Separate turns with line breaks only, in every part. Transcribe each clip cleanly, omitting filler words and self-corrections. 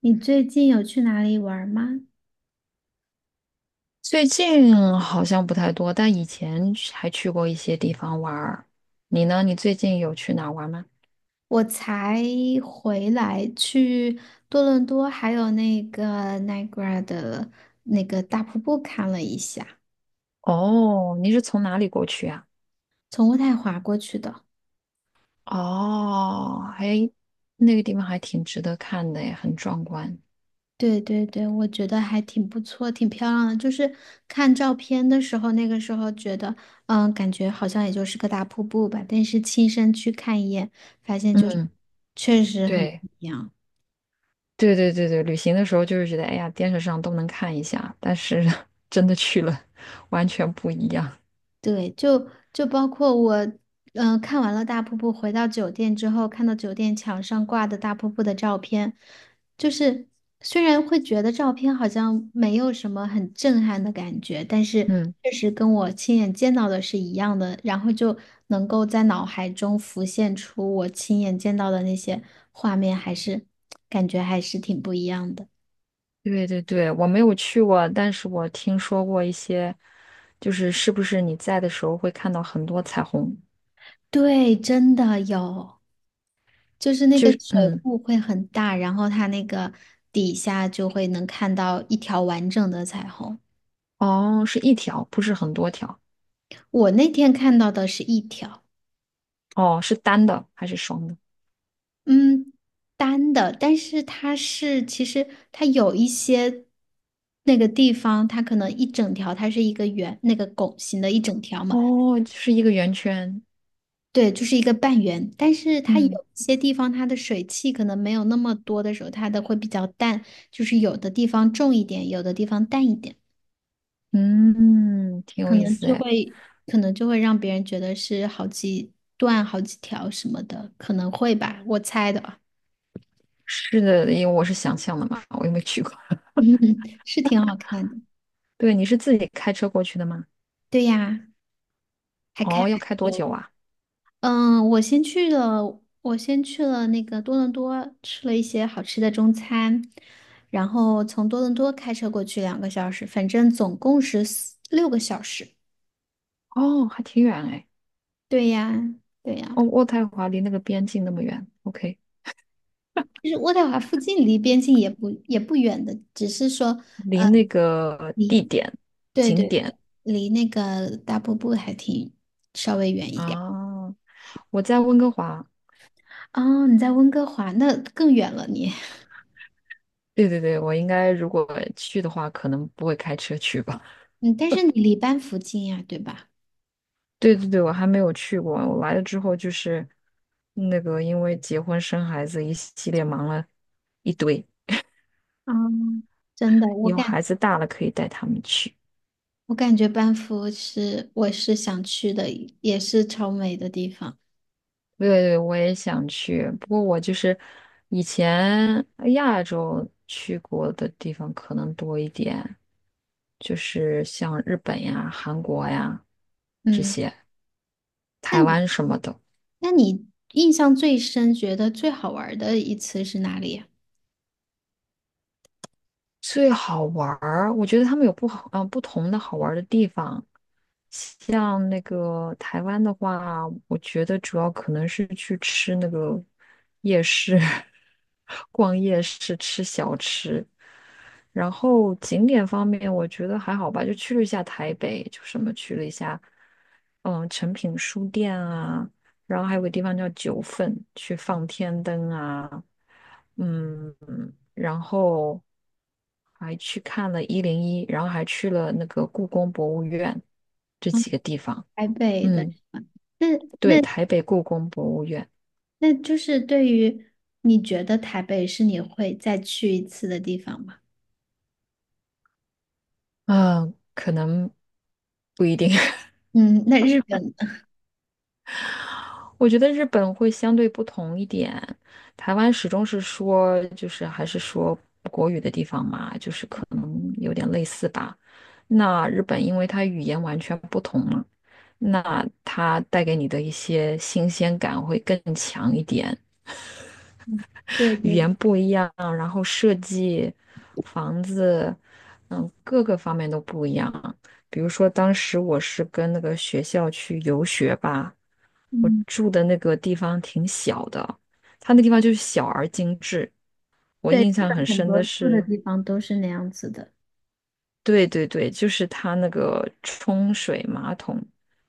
你最近有去哪里玩儿吗？
最近好像不太多，但以前去还去过一些地方玩儿。你呢？你最近有去哪儿玩吗？
我才回来，去多伦多还有那个 Niagara 的那个大瀑布看了一下，
哦，你是从哪里过去啊？
从渥太华过去的。
哦，那个地方还挺值得看的耶，很壮观。
对对对，我觉得还挺不错，挺漂亮的。就是看照片的时候，那个时候觉得，感觉好像也就是个大瀑布吧，但是亲身去看一眼，发现就是
嗯，
确实很不
对，
一样。
对对对对，旅行的时候就是觉得，哎呀，电视上都能看一下，但是 真的去了，完全不一样。
对，就包括我，看完了大瀑布，回到酒店之后，看到酒店墙上挂的大瀑布的照片，就是虽然会觉得照片好像没有什么很震撼的感觉，但是
嗯。
确实跟我亲眼见到的是一样的，然后就能够在脑海中浮现出我亲眼见到的那些画面，还是感觉还是挺不一样的。
对对对，我没有去过，但是我听说过一些，就是是不是你在的时候会看到很多彩虹？
对，真的有。就是那个
就是
水
嗯，
库会很大，然后它那个底下就会能看到一条完整的彩虹。
哦，是一条，不是很多条。
我那天看到的是一条，
哦，是单的还是双的？
嗯，单的，但是其实它有一些那个地方，它可能一整条它是一个圆，那个拱形的一整条嘛，
哦，就是一个圆圈。
对，就是一个半圆。但是它有一
嗯
些地方它的水汽可能没有那么多的时候，它的会比较淡，就是有的地方重一点，有的地方淡一点。
嗯，挺有
可
意
能
思
就
哎。
会可能就会让别人觉得是好几段、好几条什么的，可能会吧，我猜的。
是的，因为我是想象的嘛，我又没去过。
嗯，是挺好看的。
对，你是自己开车过去的吗？
对呀，还开
哦，要
蛮
开多
久。
久啊？
我先去了那个多伦多，吃了一些好吃的中餐，然后从多伦多开车过去2个小时，反正总共是四六个小时。
哦，还挺远哎。
对呀，对呀。
哦，渥太华离那个边境那么远。OK。
其实渥太华附近离边境也不远的，只是说。
离那个
离。对
景
对对，
点
离那个大瀑布还挺稍微远一点儿。
啊，我在温哥华。
哦，你在温哥华，那更远了你。
对对对，我应该如果去的话，可能不会开车去吧。
嗯，但是你离班夫近呀，对吧？
对对对，我还没有去过。我来了之后就是那个，因为结婚生孩子一系列忙了一堆，
嗯，真的，
以后孩子大了可以带他们去。
我感觉班夫是我是想去的，也是超美的地方。
对对，我也想去，不过我就是以前亚洲去过的地方可能多一点，就是像日本呀、韩国呀这
嗯，
些，
那
台
你
湾什么的。
那你印象最深，觉得最好玩儿的一次是哪里呀？
最好玩儿，我觉得他们有不好，嗯、不同的好玩儿的地方。像那个台湾的话，我觉得主要可能是去吃那个夜市，逛夜市吃小吃。然后景点方面，我觉得还好吧，就去了一下台北，就什么去了一下，嗯，诚品书店啊，然后还有个地方叫九份，去放天灯啊，嗯，然后。还去看了101，然后还去了那个故宫博物院这
嗯，
几个地方。
台北的地
嗯，
方。那
对，
那
台北故宫博物院，
那就是对于你觉得台北是你会再去一次的地方吗？
嗯，可能不一定。
嗯，那日本，
我觉得日本会相对不同一点，台湾始终是说，就是还是说国语的地方嘛，就是可能有点类似吧。那日本因为它语言完全不同嘛，那它带给你的一些新鲜感会更强一点。
嗯，对
语
对
言
对，
不一样，然后设计房子，各个方面都不一样。比如说，当时我是跟那个学校去游学吧，我
嗯，
住的那个地方挺小的，它那地方就是小而精致。我
对，
印
日
象很
本很
深
多
的
住的
是，
地方都是那样子的。
对对对，就是它那个冲水马桶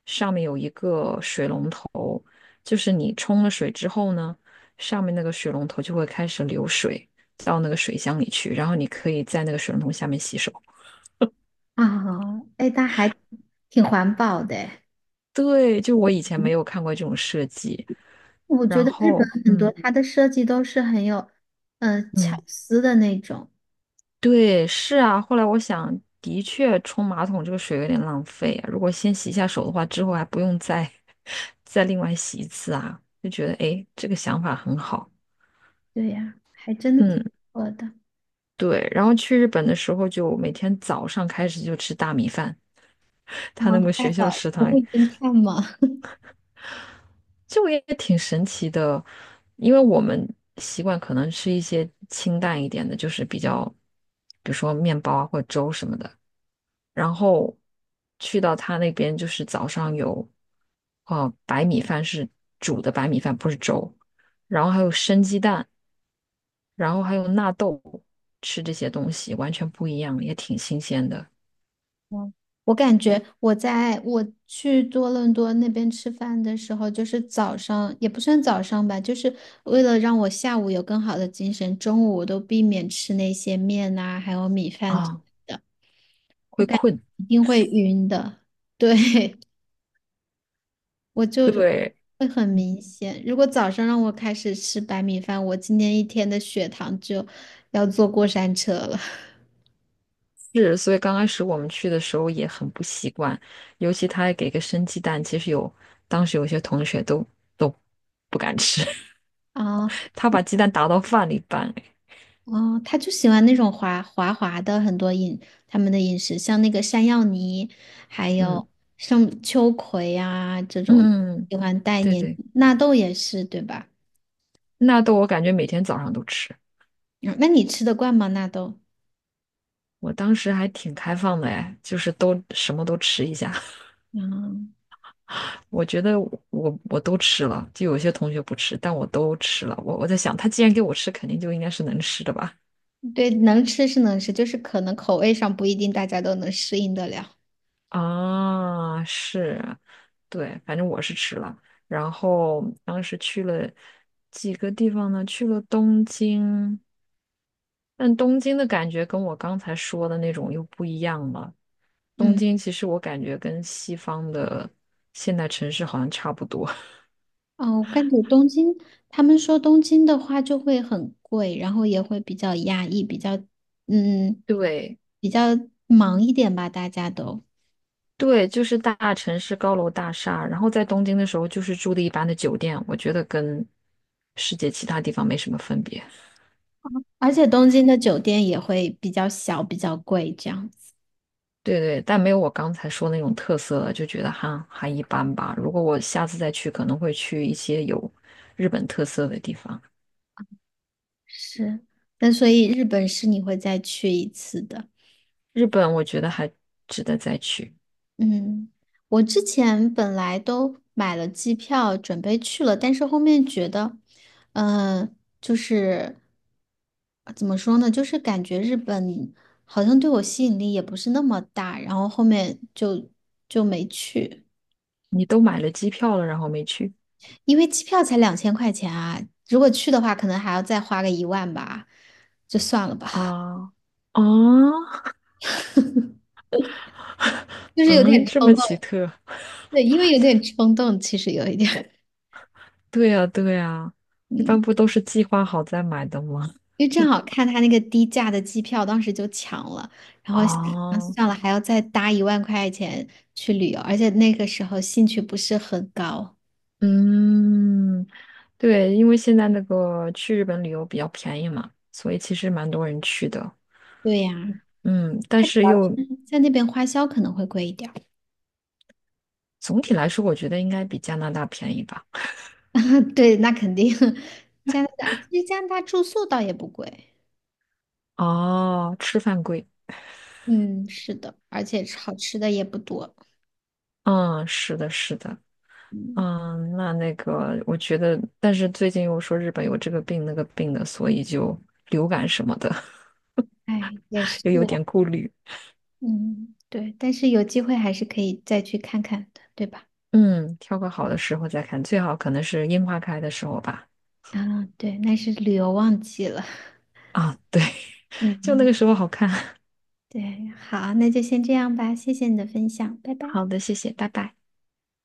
上面有一个水龙头，就是你冲了水之后呢，上面那个水龙头就会开始流水到那个水箱里去，然后你可以在那个水龙头下面洗手。
啊，哎，它还挺环保的诶，
对，就我以前没有看过这种设计，
我觉
然
得日本
后
很多
嗯
它的设计都是很有，巧
嗯。
思的那种，
对，是啊。后来我想，的确冲马桶这个水有点浪费啊。如果先洗一下手的话，之后还不用再 再另外洗一次啊，就觉得诶，这个想法很好。
对呀、还真的挺
嗯，
不错的。
对。然后去日本的时候，就每天早上开始就吃大米饭，
嗯，
他那个
大
学校
嫂
食
不
堂，
会侦探吗？
就也挺神奇的，因为我们习惯可能吃一些清淡一点的，就是比较，比如说面包啊或者粥什么的。然后去到他那边就是早上有哦白米饭是煮的白米饭，不是粥，然后还有生鸡蛋，然后还有纳豆，吃这些东西完全不一样，也挺新鲜的
嗯，我感觉我去多伦多那边吃饭的时候，就是早上也不算早上吧，就是为了让我下午有更好的精神，中午我都避免吃那些面呐、还有米饭，
啊，会困。
一定会晕的。对，我就是
对，
会很明显。如果早上让我开始吃白米饭，我今天一天的血糖就要坐过山车了。
是，所以刚开始我们去的时候也很不习惯，尤其他还给个生鸡蛋，其实当时有些同学都都不敢吃，
啊。
他把鸡蛋打到饭里拌，哎
哦，他就喜欢那种滑滑的很多他们的饮食，像那个山药泥，还有像秋葵啊这
嗯
种，
嗯嗯，嗯
喜欢带
对
黏
对。
纳豆也是对吧？
纳豆我感觉每天早上都吃，
嗯，那你吃得惯吗？纳豆？
我当时还挺开放的哎，就是都什么都吃一下。
嗯，
我觉得我都吃了，就有些同学不吃，但我都吃了。我在想，他既然给我吃，肯定就应该是能吃的吧？
对，能吃是能吃，就是可能口味上不一定大家都能适应得了。
啊，是，对，反正我是吃了。然后当时去了几个地方呢？去了东京，但东京的感觉跟我刚才说的那种又不一样了。东
嗯，
京其实我感觉跟西方的现代城市好像差不多。
哦，我感觉东京，他们说东京的话就会很贵，然后也会比较压抑，嗯，
对
比较忙一点吧，大家都。
对，就是大城市高楼大厦，然后在东京的时候就是住的一般的酒店，我觉得跟世界其他地方没什么分别。
而且东京的酒店也会比较小，比较贵这样子。
对对，但没有我刚才说那种特色了，就觉得哈还一般吧。如果我下次再去，可能会去一些有日本特色的地方。
是，那所以日本是你会再去一次的。
日本我觉得还值得再去。
嗯，我之前本来都买了机票，准备去了，但是后面觉得，嗯，就是怎么说呢，就是感觉日本好像对我吸引力也不是那么大，然后后面就没去。
你都买了机票了，然后没去
因为机票才2000块钱啊，如果去的话，可能还要再花个一万吧，就算了吧。
啊？啊，
就是有点
嗯，这么
冲
奇
动，
特。
对，因为有点冲动，其实有一点，
对呀，对呀，一般
嗯，
不都是计划好再买的吗？
因为正好看他那个低价的机票，当时就抢了，然后想
啊？
算了，还要再搭1万块钱去旅游，而且那个时候兴趣不是很高。
嗯，对，因为现在那个去日本旅游比较便宜嘛，所以其实蛮多人去的。
对呀，
嗯，但
他主
是又
要是在那边花销可能会贵一点儿。
总体来说，我觉得应该比加拿大便宜吧。
对，那肯定。加拿大其实加拿大住宿倒也不贵，
哦，吃饭贵。
嗯，是的，而且好吃的也不多。
嗯，是的，是的。
嗯，
嗯，那个，我觉得，但是最近又说日本有这个病那个病的，所以就流感什么的
哎，也是
又有
啊
点顾虑。
嗯，对，但是有机会还是可以再去看看的，对吧？
嗯，挑个好的时候再看，最好可能是樱花开的时候吧。
啊，对，那是旅游旺季了。
啊，对，就那
嗯，
个时候好看。
对，好，那就先这样吧，谢谢你的分享，拜拜。
好的，谢谢，拜拜。